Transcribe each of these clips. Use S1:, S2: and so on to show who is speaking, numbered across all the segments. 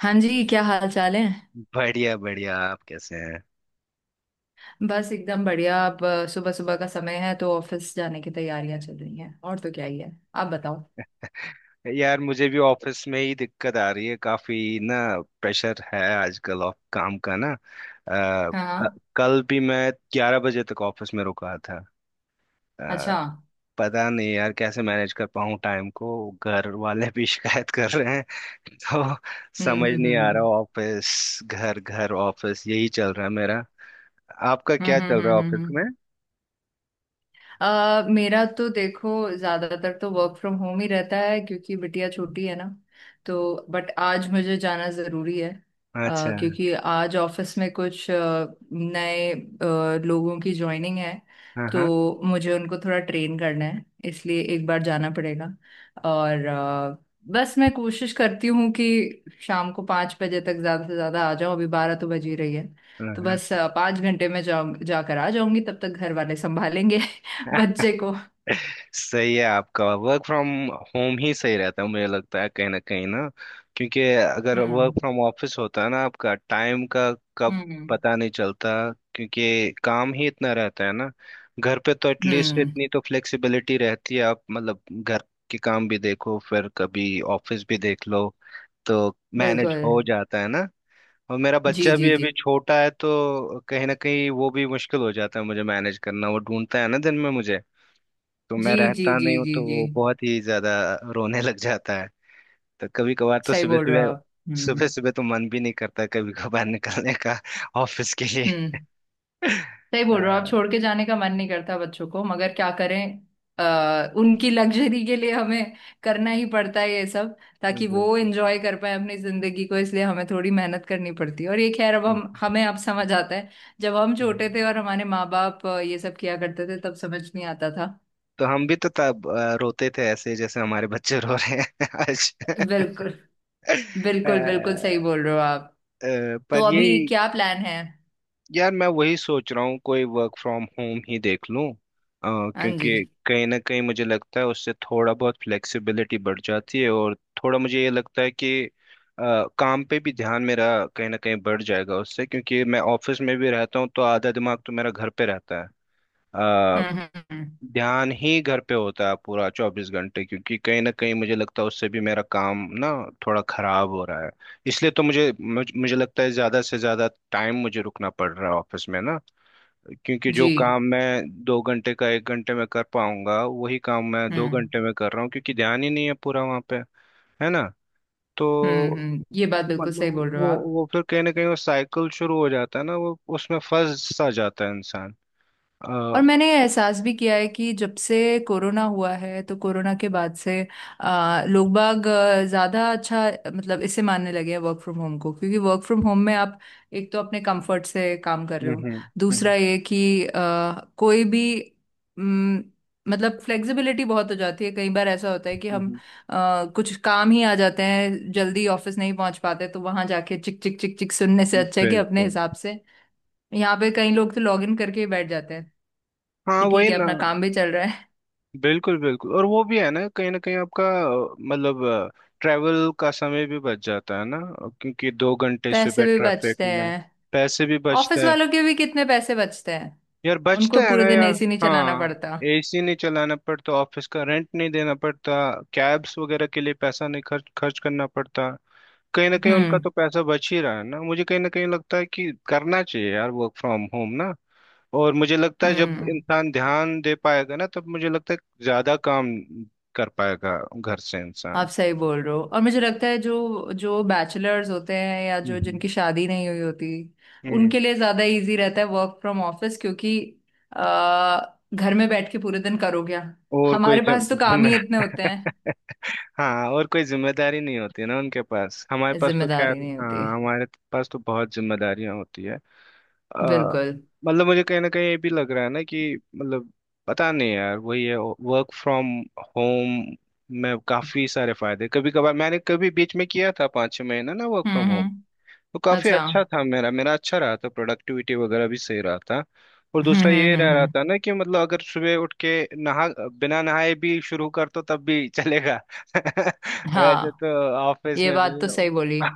S1: हाँ जी, क्या हाल चाल है?
S2: बढ़िया बढ़िया, आप कैसे
S1: बस एकदम बढ़िया। अब सुबह सुबह का समय है तो ऑफिस जाने की तैयारियां चल रही हैं, और तो क्या ही है, आप बताओ।
S2: हैं? यार, मुझे भी ऑफिस में ही दिक्कत आ रही है काफी ना। प्रेशर है आजकल ऑफ काम का ना।
S1: हाँ
S2: क-
S1: हाँ।
S2: कल भी मैं 11 बजे तक ऑफिस में रुका था। अ,
S1: अच्छा।
S2: पता नहीं यार कैसे मैनेज कर पाऊँ टाइम को। घर वाले भी शिकायत कर रहे हैं तो
S1: हम्म
S2: समझ
S1: हम्म
S2: नहीं आ रहा।
S1: हम्म
S2: ऑफिस घर, घर ऑफिस, यही चल रहा है मेरा। आपका क्या चल रहा है ऑफिस
S1: हम्म।
S2: में?
S1: मेरा तो देखो, ज्यादातर तो वर्क फ्रॉम होम ही रहता है क्योंकि बिटिया छोटी है ना। तो बट आज मुझे जाना जरूरी है,
S2: अच्छा।
S1: क्योंकि आज ऑफिस में कुछ नए लोगों की ज्वाइनिंग है।
S2: हाँ हाँ।
S1: तो मुझे उनको थोड़ा ट्रेन करना है, इसलिए एक बार जाना पड़ेगा। और बस मैं कोशिश करती हूँ कि शाम को 5 बजे तक ज्यादा से ज्यादा आ जाऊँ, अभी 12 तो बज ही रही है।
S2: हाँ
S1: तो
S2: हाँ।
S1: बस 5 घंटे में जाऊं, जाकर आ जाऊंगी, तब तक घर वाले संभालेंगे बच्चे को।
S2: सही है, आपका वर्क फ्रॉम होम ही सही रहता है मुझे लगता है, कहीं ना कहीं ना। क्योंकि अगर वर्क
S1: हम्म
S2: फ्रॉम ऑफिस होता है ना, आपका टाइम का कब
S1: हम्म
S2: पता नहीं चलता, क्योंकि काम ही इतना रहता है ना। घर पे तो एटलीस्ट
S1: हम्म।
S2: इतनी तो फ्लेक्सिबिलिटी रहती है, आप मतलब घर के काम भी देखो फिर कभी ऑफिस भी देख लो, तो मैनेज
S1: बिल्कुल।
S2: हो जाता है ना। और मेरा
S1: जी
S2: बच्चा
S1: जी
S2: भी अभी
S1: जी
S2: छोटा है, तो कहीं ना कहीं वो भी मुश्किल हो जाता है मुझे मैनेज करना। वो ढूंढता है ना दिन में मुझे, तो मैं
S1: जी जी
S2: रहता
S1: जी
S2: नहीं हूँ
S1: जी
S2: तो
S1: जी।
S2: वो बहुत ही ज्यादा रोने लग जाता है। तो कभी कभार तो
S1: सही
S2: सुबह
S1: बोल रहे हो
S2: सुबह,
S1: आप।
S2: सुबह सुबह तो मन भी नहीं करता कभी कभार निकलने का ऑफिस के लिए।
S1: हम्म। सही
S2: अ,
S1: बोल रहे हो आप, छोड़ के जाने का मन नहीं करता बच्चों को, मगर क्या करें। उनकी लग्जरी के लिए हमें करना ही पड़ता है ये सब, ताकि वो
S2: बिल्कुल।
S1: एंजॉय कर पाए अपनी जिंदगी को, इसलिए हमें थोड़ी मेहनत करनी पड़ती है। और ये खैर अब हम हमें अब समझ आता है। जब हम छोटे थे और हमारे माँ बाप ये सब किया करते थे, तब समझ नहीं आता था।
S2: तो हम भी तो तब रोते थे ऐसे जैसे हमारे बच्चे रो रहे हैं आज।
S1: बिल्कुल
S2: अ,
S1: बिल्कुल बिल्कुल, सही बोल रहे हो आप। तो
S2: पर ये,
S1: अभी क्या प्लान है?
S2: यार मैं वही सोच रहा हूँ कोई वर्क फ्रॉम होम ही देख लूँ।
S1: हाँ जी।
S2: क्योंकि कहीं ना कहीं मुझे लगता है उससे थोड़ा बहुत फ्लेक्सिबिलिटी बढ़ जाती है, और थोड़ा मुझे ये लगता है कि अ, काम पे भी ध्यान मेरा कहीं ना कहीं बढ़ जाएगा उससे। क्योंकि मैं ऑफिस में भी रहता हूँ तो आधा दिमाग तो मेरा घर पे रहता है। अ,
S1: हम्म।
S2: ध्यान ही घर पे होता है पूरा 24 घंटे, क्योंकि कहीं ना कहीं मुझे लगता है उससे भी मेरा काम ना थोड़ा खराब हो रहा है। इसलिए तो मुझे मुझे, मुझे लगता है ज्यादा से ज्यादा टाइम मुझे रुकना पड़ रहा है ऑफिस में ना। क्योंकि जो
S1: जी।
S2: काम मैं 2 घंटे का 1 घंटे में कर पाऊंगा, वही काम मैं दो
S1: हम्म
S2: घंटे में कर रहा हूँ, क्योंकि ध्यान ही नहीं है पूरा वहां पे। है ना? तो
S1: हम्म। ये बात बिल्कुल सही
S2: मतलब
S1: बोल रहे हो
S2: वो
S1: आप।
S2: वो फिर कहीं ना कहीं वो साइकिल शुरू हो जाता है ना, वो उसमें फंस सा जाता है इंसान। अ,
S1: और
S2: हम्म
S1: मैंने ये एहसास भी किया है कि जब से कोरोना हुआ है तो कोरोना के बाद से लोग बाग ज़्यादा अच्छा, मतलब इसे मानने लगे हैं वर्क फ्रॉम होम को, क्योंकि वर्क फ्रॉम होम में आप एक तो अपने कंफर्ट से काम कर रहे
S2: हम्म
S1: हो,
S2: हम्म,
S1: दूसरा ये कि कोई भी अम, मतलब फ्लेक्सिबिलिटी बहुत हो जाती है। कई बार ऐसा होता है कि
S2: हम्म,
S1: हम
S2: हम्म।
S1: कुछ काम ही आ जाते हैं, जल्दी ऑफिस नहीं पहुंच पाते, तो वहां जाके चिक चिक चिक चिक सुनने से अच्छा है कि अपने
S2: बिल्कुल।
S1: हिसाब से यहाँ पे कई लोग तो लॉग इन करके ही बैठ जाते हैं
S2: हाँ
S1: कि ठीक
S2: वही
S1: है,
S2: ना।
S1: अपना काम भी चल रहा है।
S2: बिल्कुल बिल्कुल। और वो भी है ना, कहीं ना कहीं आपका मतलब ट्रैवल का समय भी बच जाता है ना, क्योंकि 2 घंटे
S1: पैसे
S2: सुबह
S1: भी
S2: ट्रैफिक
S1: बचते
S2: में।
S1: हैं,
S2: पैसे भी बचते
S1: ऑफिस
S2: हैं,
S1: वालों के भी कितने पैसे बचते हैं,
S2: यार बचता
S1: उनको
S2: है
S1: पूरे
S2: ना
S1: दिन
S2: यार।
S1: एसी नहीं चलाना
S2: हाँ।
S1: पड़ता।
S2: एसी नहीं चलाना पड़ता, ऑफिस का रेंट नहीं देना पड़ता, कैब्स वगैरह के लिए पैसा नहीं खर्च खर्च करना पड़ता। कहीं ना कहीं उनका
S1: हम्म
S2: तो पैसा बच ही रहा है ना। मुझे कहीं ना कहीं लगता है कि करना चाहिए यार वर्क फ्रॉम होम ना। और मुझे लगता है जब
S1: हम्म।
S2: इंसान ध्यान दे पाएगा ना, तब मुझे लगता है ज्यादा काम कर पाएगा घर से
S1: आप
S2: इंसान।
S1: सही बोल रहे हो। और मुझे लगता है जो जो बैचलर्स होते हैं या जो
S2: हम्म
S1: जिनकी शादी नहीं हुई होती,
S2: हम्म।
S1: उनके लिए ज्यादा इजी रहता है वर्क फ्रॉम ऑफिस, क्योंकि घर में बैठ के पूरे दिन करो क्या,
S2: और कोई
S1: हमारे
S2: जम,
S1: पास तो काम
S2: जम
S1: ही इतने होते हैं।
S2: हाँ, और कोई जिम्मेदारी नहीं होती है ना उनके पास, हमारे पास तो
S1: जिम्मेदारी
S2: खैर
S1: नहीं
S2: हाँ,
S1: होती।
S2: हमारे पास तो बहुत जिम्मेदारियां होती है। अ,
S1: बिल्कुल।
S2: मतलब मुझे कहीं ना कहीं ये भी लग रहा है ना कि मतलब पता नहीं यार, वही है वर्क फ्रॉम होम में काफी सारे फायदे। कभी कभार मैंने कभी बीच में किया था 5-6 महीना ना वर्क फ्रॉम होम,
S1: हम्म।
S2: तो काफी
S1: अच्छा।
S2: अच्छा था। मेरा मेरा अच्छा रहा था, प्रोडक्टिविटी वगैरह भी सही रहा था। और दूसरा ये रह रहा
S1: हम्म।
S2: था ना कि मतलब अगर सुबह उठ के नहा, बिना नहाए भी शुरू कर तो तब भी चलेगा। वैसे
S1: हाँ।
S2: तो ऑफिस
S1: ये
S2: में
S1: बात तो सही बोली,
S2: भी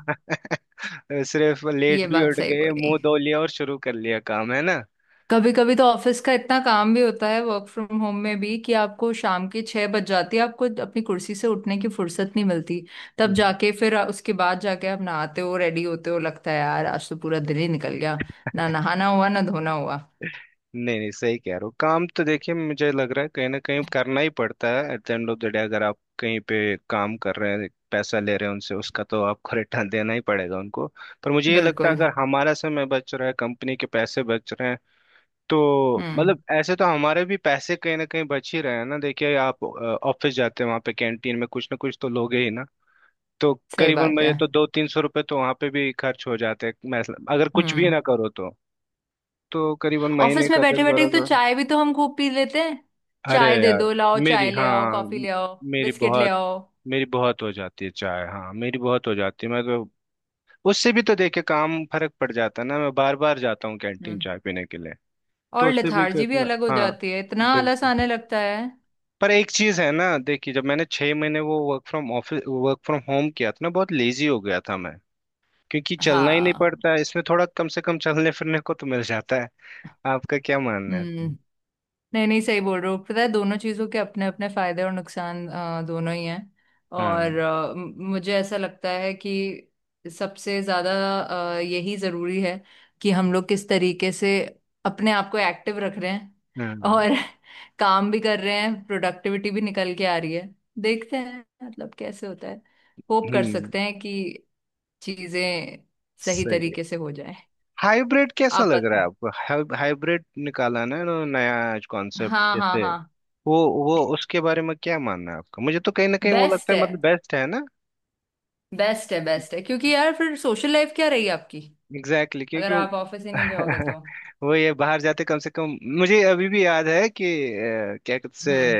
S2: सिर्फ लेट
S1: ये
S2: भी
S1: बात
S2: उठ
S1: सही
S2: गए,
S1: बोली।
S2: मुंह धो लिया और शुरू कर लिया काम। है
S1: कभी कभी तो ऑफिस का इतना काम भी होता है वर्क फ्रॉम होम में भी, कि आपको शाम के 6 बज जाती है, आपको अपनी कुर्सी से उठने की फुर्सत नहीं मिलती। तब
S2: ना?
S1: जाके फिर उसके बाद जाके आप नहाते हो, रेडी होते हो, लगता है यार आज तो पूरा दिन ही निकल गया, ना नहाना हुआ, ना धोना हुआ।
S2: नहीं नहीं सही कह रहे हो। काम तो देखिए मुझे लग रहा है कहीं ना कहीं करना ही पड़ता है, at the end of the day, अगर आप कहीं पे काम कर रहे हैं पैसा ले रहे हैं उनसे, उसका तो आपको रिटर्न देना ही पड़ेगा उनको। पर मुझे ये लगता है
S1: बिल्कुल।
S2: अगर हमारा समय बच रहा है, कंपनी के पैसे बच रहे हैं, तो
S1: हम्म।
S2: मतलब ऐसे तो हमारे भी पैसे कहीं ना कहीं बच ही रहे हैं ना। देखिए आप ऑफिस जाते हैं वहाँ पे कैंटीन में कुछ ना कुछ तो लोगे ही ना। तो
S1: सही
S2: करीबन
S1: बात है।
S2: मुझे तो 200-300 रुपये तो वहाँ पे भी खर्च हो जाते हैं, मैं अगर कुछ भी ना
S1: हम्म।
S2: करो तो। तो करीबन महीने
S1: ऑफिस में
S2: का दस
S1: बैठे बैठे
S2: बारह
S1: तो चाय भी तो हम खूब पी लेते हैं।
S2: अरे
S1: चाय दे
S2: यार,
S1: दो, लाओ
S2: मेरी
S1: चाय ले आओ,
S2: हाँ
S1: कॉफी
S2: म-
S1: ले आओ,
S2: मेरी
S1: बिस्किट ले
S2: बहुत
S1: आओ।
S2: मेरी बहुत हो जाती है चाय। हाँ, मेरी बहुत हो जाती है, मैं तो उससे भी तो देखे काम फर्क पड़ जाता है ना। मैं बार बार जाता हूँ कैंटीन
S1: हम्म।
S2: चाय पीने के लिए, तो
S1: और
S2: उससे भी
S1: लेथार्जी भी
S2: कितना।
S1: अलग हो
S2: हाँ,
S1: जाती है, इतना आलस
S2: बिल्कुल।
S1: आने लगता है।
S2: पर एक चीज है ना, देखिए जब मैंने 6 महीने वो वर्क फ्रॉम होम किया था ना, बहुत लेजी हो गया था मैं। क्योंकि चलना ही नहीं
S1: हाँ।
S2: पड़ता है इसमें, थोड़ा कम से कम चलने फिरने को तो मिल जाता है। आपका क्या मानना है?
S1: हम्म। नहीं नहीं, सही बोल रहे हो, पता है दोनों चीजों के अपने अपने फायदे और नुकसान दोनों ही हैं।
S2: हाँ
S1: और मुझे ऐसा लगता है कि सबसे ज्यादा यही जरूरी है, कि हम लोग किस तरीके से अपने आप को एक्टिव रख रहे हैं
S2: हाँ हाँ,
S1: और काम भी कर रहे हैं, प्रोडक्टिविटी भी निकल के आ रही है। देखते हैं मतलब कैसे होता है, होप कर
S2: हम्म।
S1: सकते हैं कि चीजें सही
S2: सही।
S1: तरीके से हो जाए।
S2: हाइब्रिड कैसा
S1: आप
S2: लग रहा है
S1: बता।
S2: आपको? हाइब्रिड निकाला ना इन्होंने नया कॉन्सेप्ट।
S1: हाँ हाँ
S2: जैसे
S1: हाँ।
S2: वो वो उसके बारे में क्या मानना है आपका? मुझे तो कहीं ना कहीं वो
S1: बेस्ट
S2: लगता है
S1: है,
S2: मतलब बेस्ट है ना।
S1: बेस्ट है बेस्ट है, क्योंकि यार फिर सोशल लाइफ क्या रही आपकी,
S2: एग्जैक्टली exactly, क्योंकि
S1: अगर
S2: वो
S1: आप ऑफिस ही नहीं जाओगे तो।
S2: वो ये बाहर जाते कम से कम। मुझे अभी भी याद है कि अ, क्या कहते से
S1: हम्म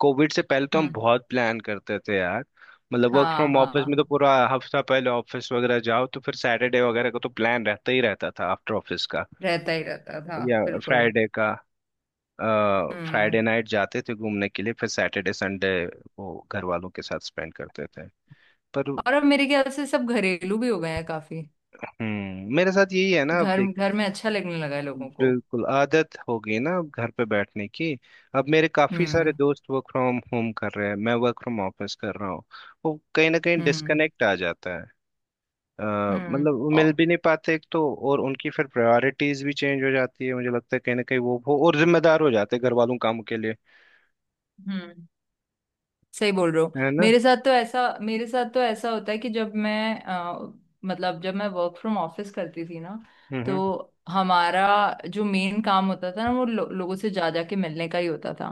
S2: कोविड से पहले तो हम
S1: हम्म।
S2: बहुत प्लान करते थे यार। मतलब वर्क
S1: हाँ
S2: फ्रॉम ऑफिस में
S1: हाँ,
S2: तो पूरा हफ्ता पहले ऑफिस वगैरह जाओ तो फिर सैटरडे वगैरह का तो प्लान रहता ही रहता था आफ्टर ऑफिस का,
S1: रहता ही रहता था,
S2: या
S1: बिल्कुल।
S2: फ्राइडे का।
S1: हम्म।
S2: फ्राइडे नाइट जाते थे घूमने के लिए, फिर सैटरडे संडे वो घर वालों के साथ स्पेंड करते थे। पर
S1: और अब मेरे ख्याल से सब घरेलू भी हो गए हैं काफी।
S2: हम्म, मेरे साथ यही है ना, अब
S1: घर
S2: देख,
S1: घर में अच्छा लगने लगा है लोगों को।
S2: बिल्कुल आदत हो गई ना अब घर पे बैठने की। अब मेरे काफी सारे
S1: हम्म
S2: दोस्त वर्क फ्रॉम होम कर रहे हैं, मैं वर्क फ्रॉम ऑफिस कर रहा हूँ, वो कहीं ना कहीं
S1: हम्म
S2: डिस्कनेक्ट आ जाता है। अ,
S1: हम्म।
S2: मतलब वो मिल भी नहीं पाते एक तो, और उनकी फिर प्रायोरिटीज भी चेंज हो जाती है। मुझे लगता है कहीं ना कहीं वो और जिम्मेदार हो जाते हैं घर वालों कामों के लिए।
S1: हम्म। सही बोल रहे हो।
S2: है ना?
S1: मेरे साथ तो ऐसा, मेरे साथ तो ऐसा होता है कि जब मैं मतलब जब मैं वर्क फ्रॉम ऑफिस करती थी ना,
S2: हम्म।
S1: तो हमारा जो मेन काम होता था ना, वो लोगों से जा जा के मिलने का ही होता था।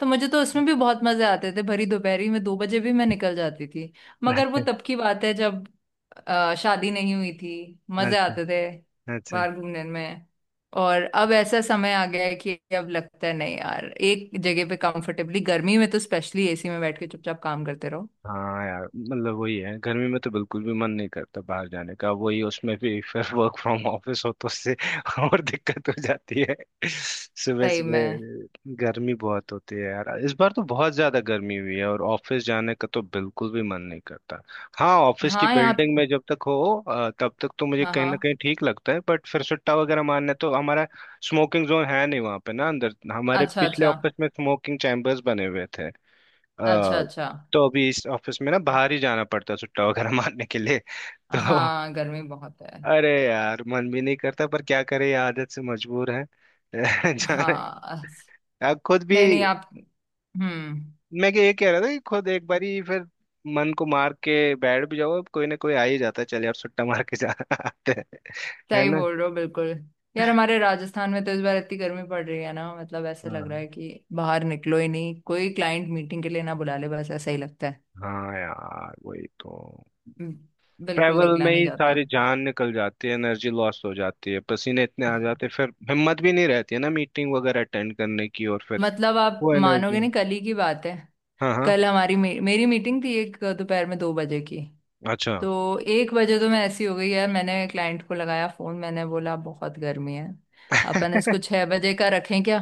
S1: तो मुझे तो उसमें भी बहुत मजे आते थे, भरी दोपहरी में 2 बजे भी मैं निकल जाती थी। मगर वो
S2: अच्छा
S1: तब की बात है, जब शादी नहीं हुई थी, मजे
S2: अच्छा
S1: आते थे
S2: अच्छा।
S1: बाहर घूमने में। और अब ऐसा समय आ गया है कि अब लगता है नहीं यार, एक जगह पे कंफर्टेबली गर्मी में तो स्पेशली एसी में बैठ के चुपचाप काम करते रहो।
S2: हाँ यार, मतलब वही है, गर्मी में तो बिल्कुल भी मन नहीं करता बाहर जाने का, वही उसमें भी फिर वर्क फ्रॉम ऑफिस हो तो उससे और दिक्कत हो जाती है। सुबह
S1: सही में।
S2: सुबह गर्मी बहुत होती है यार, इस बार तो बहुत ज्यादा गर्मी हुई है, और ऑफिस जाने का तो बिल्कुल भी मन नहीं करता। हाँ, ऑफिस की
S1: हाँ
S2: बिल्डिंग में जब तक हो तब तक तो मुझे
S1: हाँ
S2: कहीं ना
S1: हाँ।
S2: कहीं ठीक लगता है, बट फिर सुट्टा वगैरह मारने तो हमारा स्मोकिंग जोन है नहीं वहाँ पे ना। अंदर हमारे
S1: अच्छा
S2: पिछले
S1: अच्छा।
S2: ऑफिस में स्मोकिंग चैम्बर्स बने हुए थे।
S1: अच्छा
S2: अ,
S1: अच्छा।
S2: तो अभी इस ऑफिस में ना बाहर ही जाना पड़ता है सुट्टा वगैरह मारने के लिए तो।
S1: हाँ गर्मी बहुत है।
S2: अरे यार, मन भी नहीं करता पर क्या करे, ये आदत से मजबूर है जाना।
S1: हाँ।
S2: अब खुद भी,
S1: नहीं नहीं, आप। हम्म।
S2: मैं ये कह रहा था कि खुद एक बारी फिर मन को मार के बैठ भी जाओ, अब कोई ना कोई आ ही जाता है, चल यार सुट्टा मार के जा आते हैं। है
S1: सही
S2: ना?
S1: बोल रहे हो बिल्कुल। यार हमारे राजस्थान में तो इस बार इतनी गर्मी पड़ रही है ना, मतलब ऐसा लग
S2: हाँ।
S1: रहा है कि बाहर निकलो ही नहीं, कोई क्लाइंट मीटिंग के लिए ना बुला ले, बस ऐसा ही लगता है।
S2: हाँ यार वही तो।
S1: हम्म। बिल्कुल
S2: ट्रैवल
S1: निकला
S2: में
S1: नहीं
S2: ही
S1: जाता।
S2: सारी जान निकल जाती है, एनर्जी लॉस हो जाती है, पसीने इतने आ जाते हैं, फिर हिम्मत भी नहीं रहती है ना मीटिंग वगैरह अटेंड करने की, और फिर
S1: मतलब आप
S2: वो
S1: मानोगे
S2: एनर्जी।
S1: नहीं, कल ही की बात है,
S2: हाँ हाँ।
S1: कल हमारी मेरी मीटिंग थी एक दोपहर में 2 बजे की।
S2: अच्छा।
S1: तो 1 बजे तो मैं ऐसी हो गई यार, मैंने क्लाइंट को लगाया फोन, मैंने बोला बहुत गर्मी है, अपन इसको 6 बजे का रखें क्या।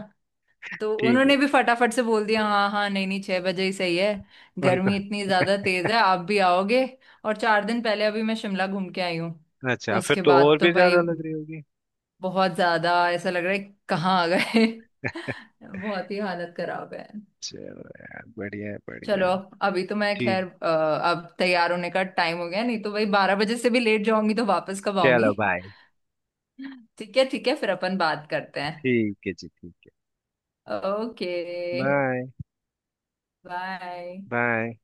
S1: तो
S2: ठीक है।
S1: उन्होंने भी फटाफट से बोल दिया हाँ हाँ नहीं नहीं, 6 बजे ही सही है,
S2: उनका।
S1: गर्मी इतनी ज्यादा तेज है, आप भी आओगे। और 4 दिन पहले अभी मैं शिमला घूम के आई हूँ, तो
S2: अच्छा, फिर
S1: उसके
S2: तो
S1: बाद
S2: और
S1: तो
S2: भी
S1: भाई
S2: ज्यादा लग रही होगी।
S1: बहुत ज्यादा ऐसा लग रहा है, कहाँ आ गए। बहुत ही हालत खराब है।
S2: चलो यार, बढ़िया है बढ़िया
S1: चलो,
S2: है।
S1: अभी तो मैं
S2: ठीक।
S1: खैर अब तैयार होने का टाइम हो गया, नहीं तो भाई 12 बजे से भी लेट जाऊंगी, तो वापस कब
S2: चलो
S1: आऊंगी।
S2: बाय।
S1: ठीक है ठीक है, फिर अपन बात करते हैं।
S2: ठीक है जी, ठीक है।
S1: ओके।
S2: बाय।
S1: बाय।
S2: बाय।